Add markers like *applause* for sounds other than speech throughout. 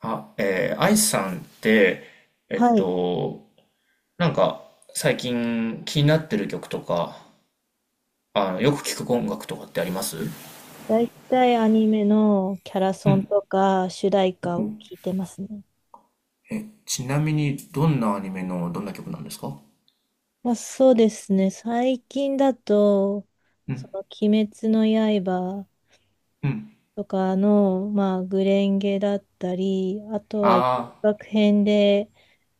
あ、アイさんって、えっはい。と、なんか、最近気になってる曲とか、よく聞く音楽とかってあります？だいたいアニメのキャラうソンん。とか主題ほ歌ほを聞いてますね。え、ちなみに、どんなアニメのどんな曲なんですか？まあ、そうですね。最近だと、うん、鬼滅の刃うん。とかの、まあ、グレンゲだったり、あとは、あ学編で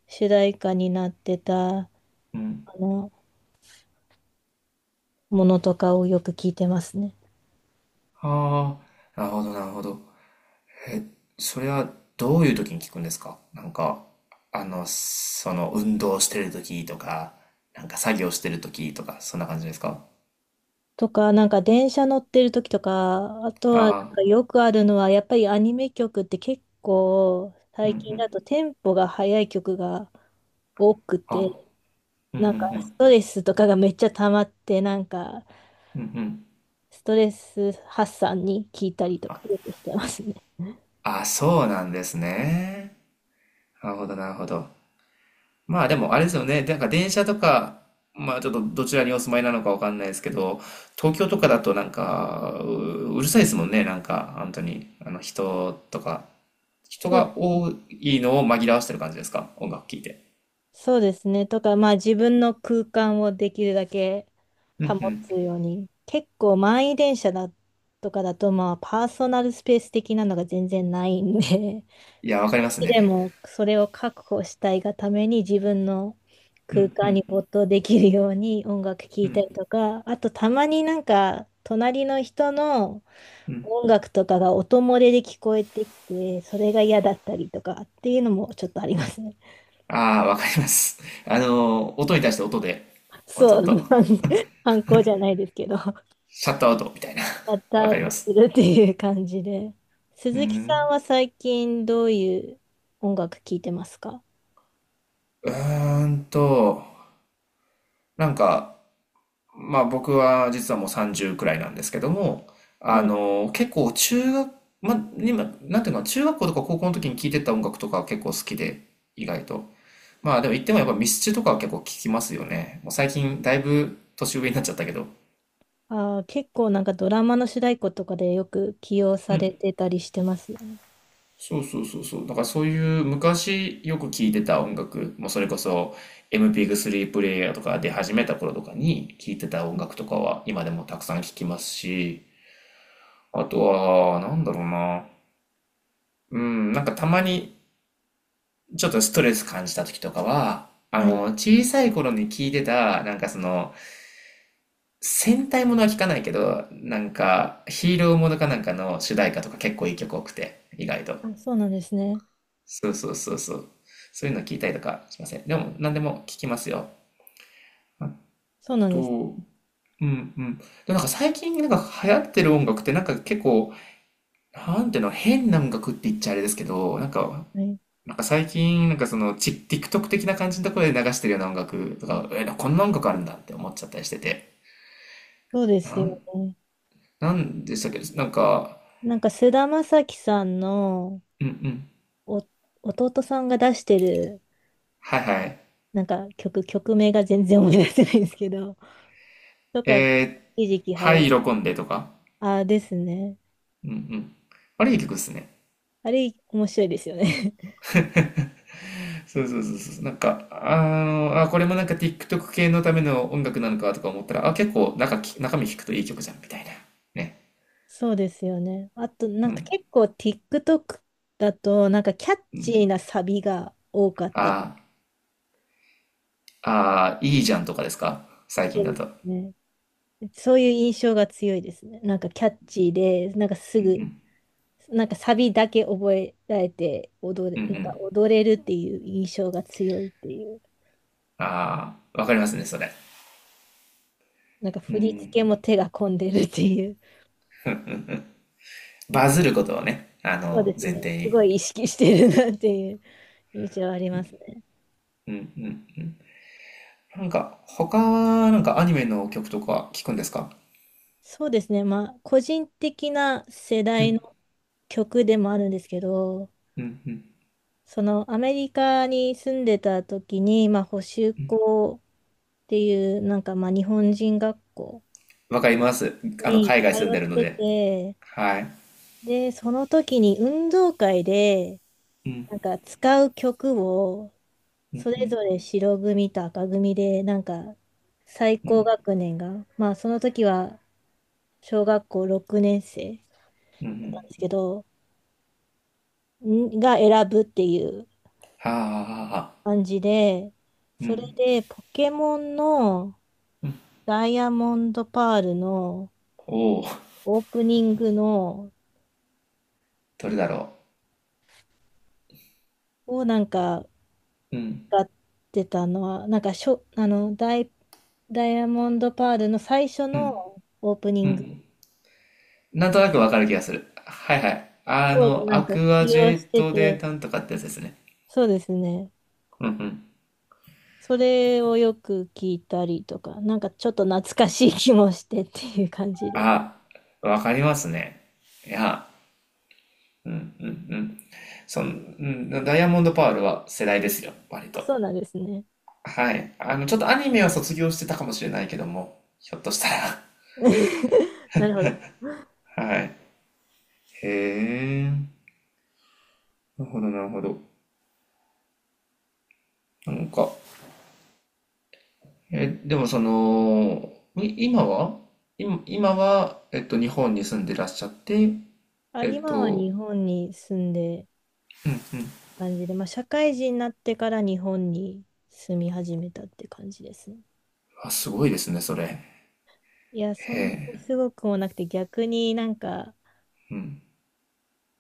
主題歌になってた、ああ、うん。の、ものとかをよく聞いてますね。ああ、なるほど、なるほど。え、それはどういう時に聞くんですか？なんか、運動してる時とか、なんか作業してる時とか、そんな感じですか？とか、なんか電車乗ってる時とか、あとはなんあかよくあるのは、やっぱりアニメ曲って結構あー、うん、最う近だん。とテンポが速い曲が多くて、あ。うんうなんかスんトレスとかがめっちゃ溜まって、なんかうんうんうん。ストレス発散に聞いたりとかよくしてますね。あ、そうなんですね。なるほど、なるほど。まあでもあれですよね。なんか電車とか、まあちょっとどちらにお住まいなのかわかんないですけど、東京とかだとなんか、うるさいですもんね。なんか、本当に。あの人とか、*laughs* 人そうで、が多いのを紛らわしてる感じですか？音楽聴いて。そうですね。とか、まあ自分の空間をできるだけうん保うん。つように。結構満員電車だとかだと、まあパーソナルスペース的なのが全然ないんで、いや、わかりま少すしでね。もそれを確保したいがために自分のう空んう間にん没頭できるように音楽聴ういたりんとか、あとたまになんか隣の人のうん。音楽とかが音漏れで聞こえてきて、それが嫌だったりとかっていうのもちょっとありますね。ああ、わかります。音に対して音で、*laughs* もうちそょっと、う、反抗じゃないですけど、*laughs* シシャットアウトみたいな。ャッ *laughs* トわアかウりまトすす。るっていう感じで。う鈴木さんん。は最近どういう音楽聴いてますか？うーんと、なんか、まあ僕は実はもう30くらいなんですけども、はあい。の、結構中学、まあ今、なんていうの、中学校とか高校の時に聴いてた音楽とか結構好きで、意外と。まあでも言ってもやっぱミスチルとかは結構聴きますよね。もう最近だいぶ年上になっちゃったけど。ああ、結構なんかドラマの主題歌とかでよく起用されてたりしてますよね。そうそうそうそう。だからそういう昔よく聴いてた音楽、もうそれこそ MP3 プレイヤーとか出始めた頃とかに聴いてた音楽とかは今でもたくさん聴きますし、あとは、なんだろうな。うん、なんかたまにちょっとストレス感じた時とかは、はい。小さい頃に聴いてた、なんかその、戦隊ものは聴かないけど、なんかヒーローものかなんかの主題歌とか結構いい曲多くて、意外と。あ、そうなんですね。そうそうそうそう。そういうの聞いたりとかしません？でも、何でも聞きますよ。あそうなんですと、うんうん。でもなんか最近なんか流行ってる音楽ってなんか結構、なんていうの、変な音楽って言っちゃあれですけど、なんか、ね。なんか最近なんかそのち TikTok 的な感じのところで流してるような音楽とか、え、こんな音楽あるんだって思っちゃったりしてて。そうでなすよん、ね。なんでしたっけ、なんか、なんか菅田将暉さんのうんうん。お弟さんが出してるはいはい。なんか曲、曲名が全然思い出せないんですけど、とか、え一時期はハや、イロコンデとか。ああですね。うんうん。あれいい曲っすね。あれ面白いですよね。*laughs* そうそうそうそう。なんか、あ、これもなんか TikTok 系のための音楽なのかとか思ったら、あ、結構中身聞くといい曲じゃん、みたいな。ね。そうですよね。あとなうんかん、結構 TikTok だとなんかキャッうチーん。なサビが多かっあたり。ー、あー、いいじゃんとかですか最近そうだでと？すね。そういう印象が強いですね。なんかキャッチーで、なんかすうぐ、んなんかサビだけ覚えられて踊れ、うん。うんうなんかん。踊れるっていう印象が強いっていう。ああ、わかりますね、それ。なんかう振り付ん。けも手が込んでるっていう。バズることをね、そうです前ね。提すごに。い意識してるなっていう印象ありますね。うんうん。なんか、他は、なんかアニメの曲とか聞くんですか？そうですね。まあ、個人的な世う代んの曲でもあるんですけど、うんうん。そのアメリカに住んでた時に、まあ、補習校っていう、なんかまあ日本人学校わかります。に海外通住んっでるのてで。て、はい。で、その時に運動会で、うんなんか使う曲を、それぞれ白組と赤組で、なんか最高学年が、まあその時は小学校6年生うんうなんん。ですけど、んが選ぶっていうはあはあはあ。感じで、うそれん。でポケモンの、ダイヤモンドパールのおお、オープニングのどれだろをなんかう。うん、歌ってたのは、なんかダイヤモンドパールの最初うのん、オープニうングん。なんとなくわかる気がする。はいはい。あをの、なアんかクア起ジ用ェしッてトでて、なんとかってやつですね。そうですね。うんうん。それをよく聞いたりとか、なんかちょっと懐かしい気もしてっていう感じで。あ、わかりますね。いや、うんうんうん。その、うん、ダイヤモンドパールは世代ですよ、割あ、と。そうなんですね。はい。ちょっとアニメは卒業してたかもしれないけども、ひょっとしたら。*laughs* なるほど。はい。へえ。なるほど、なるほど。なんか、え、でもその、い今は今、今は、日本に住んでらっしゃって、あ、えっ今は日と、本に住んでうんうん。感じで、まあ、社会人になってから日本に住み始めたって感じですね。あ、すごいですね、それ。いや、そへんなえ、すごくもなくて、逆になんか、うん。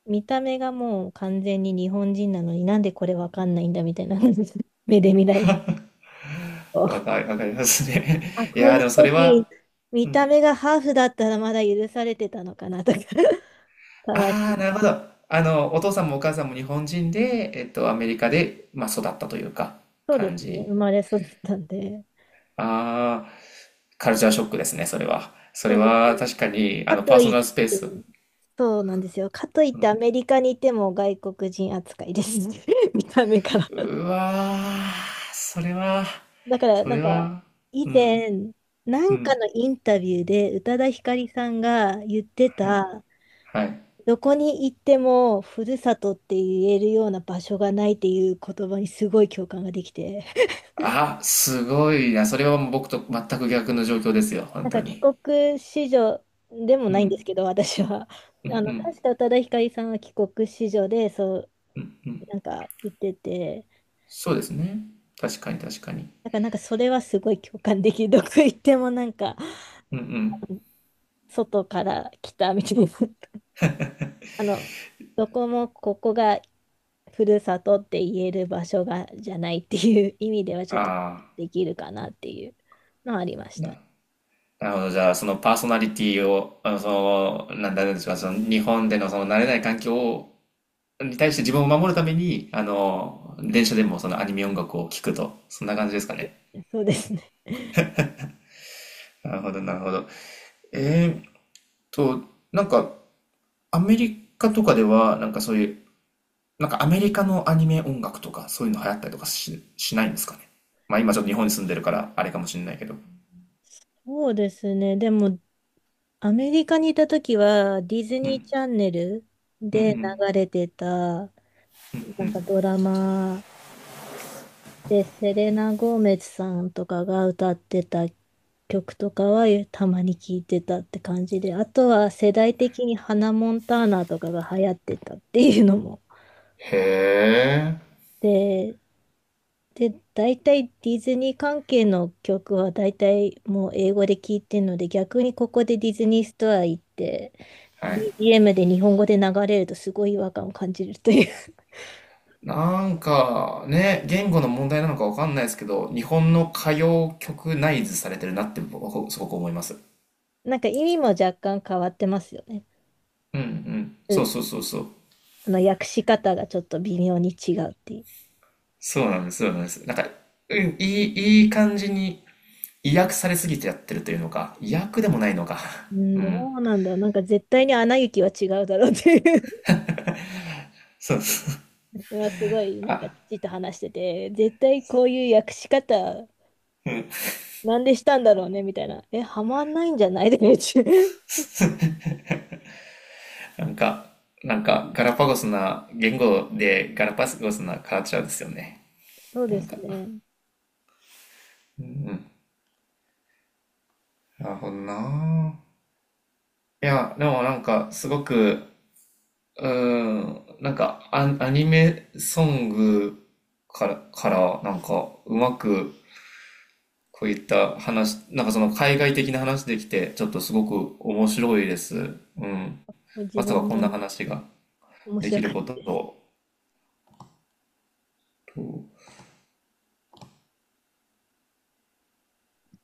見た目がもう完全に日本人なのになんでこれわかんないんだみたいな *laughs* 目で見られると。わかりますあ、ね。*laughs* いこういやー、うでもそれは、時、う見たん。目がハーフだったらまだ許されてたのかなとか *laughs* たまに。ああ、なるほど。お父さんもお母さんも日本人で、アメリカで、まあ、育ったというか、そうで感すね。生じ。まれ育ったんで。ああ、カルチャーショックですね、それは。そそれうですは、ね。確かに、あかの、パとーソいっナルスペーて、ス。そうなんですよ。かといってアメリカにいても外国人扱いです。*laughs* 見た目から。う *laughs* わー、それは、だからそなんれかは、以うん、前なうんかん、のインタビューで宇多田ヒカリさんが言ってはい、た、はい。どこに行ってもふるさとって言えるような場所がないっていう言葉にすごい共感ができて *laughs* あ、すごいな。それはもう僕と全く逆の状況ですよ、本なん当か帰に。国子女でもうないんですん、けど私は、うん、うん、確か宇多田ヒカリさんは帰国子女でそううん。なんか言ってて。そうですね。確かに、確かに。だからなんかそれはすごい共感できる。どこ行ってもなんかうん、うん。外から来たみたいな。あの、どこもここがふるさとって言える場所がじゃないっていう意味ではちょっとあできるかなっていうのはありまあ、した。なるほど。じゃあ、そのパーソナリティを、なんだろうでしょう、その日本でのその慣れない環境を、に対して自分を守るために、電車でもそのアニメ音楽を聴くと、そんな感じですかね。そうですね。なるほど、なるほど。えーっと、なんか、アメリカとかでは、なんかそういう、なんかアメリカのアニメ音楽とか、そういうの流行ったりとかしないんですかね。まあ今ちょっと日本に住んでるから、あれかもしれないけど。そうですね。でもアメリカにいた時は、ディズうニーん、チャンネルうん、うでん。流れてた、なんかドラマで、セレナ・ゴーメズさんとかが歌ってた曲とかはたまに聞いてたって感じで、あとは世代的にハナ・モンターナとかが流行ってたっていうのも。へえ。で、で、大体ディズニー関係の曲は大体もう英語で聞いてるので、逆にここでディズニーストア行って、はい。BGM で日本語で流れるとすごい違和感を感じるという なんかね、言語の問題なのかわかんないですけど、日本の歌謡曲ナイズされてるなって僕はすごく思います。*laughs* なんか意味も若干変わってますよね。うん、うん。そうそうそうそう。あの訳し方がちょっと微妙に違うっていう。そうなんです、そうなんです。なんか、うん、いい感じに威訳されすぎてやってるというのか、威訳でもないのか。う *laughs* ん、うどん。うなんだろう。なんか絶対にアナ雪は違うだろうっていう そうそう。*laughs* うわすごい *laughs* なんかあ、父と話してて、絶対こういう訳し方うん。なんでしたんだろうねみたいな。え、はまんないんじゃないで *laughs* なんか、なんか、ガラパゴスな言語でガラパゴスなカルチャーですよね。そうなでんすか。ね。うん。なるほどな。いや、でもなんか、すごく、なんかアニメソングから、なんか、うまく、こういった話、なんかその海外的な話できて、ちょっとすごく面白いです。うん。自まさ分かこんなも話が。面でき白るかっことたです。を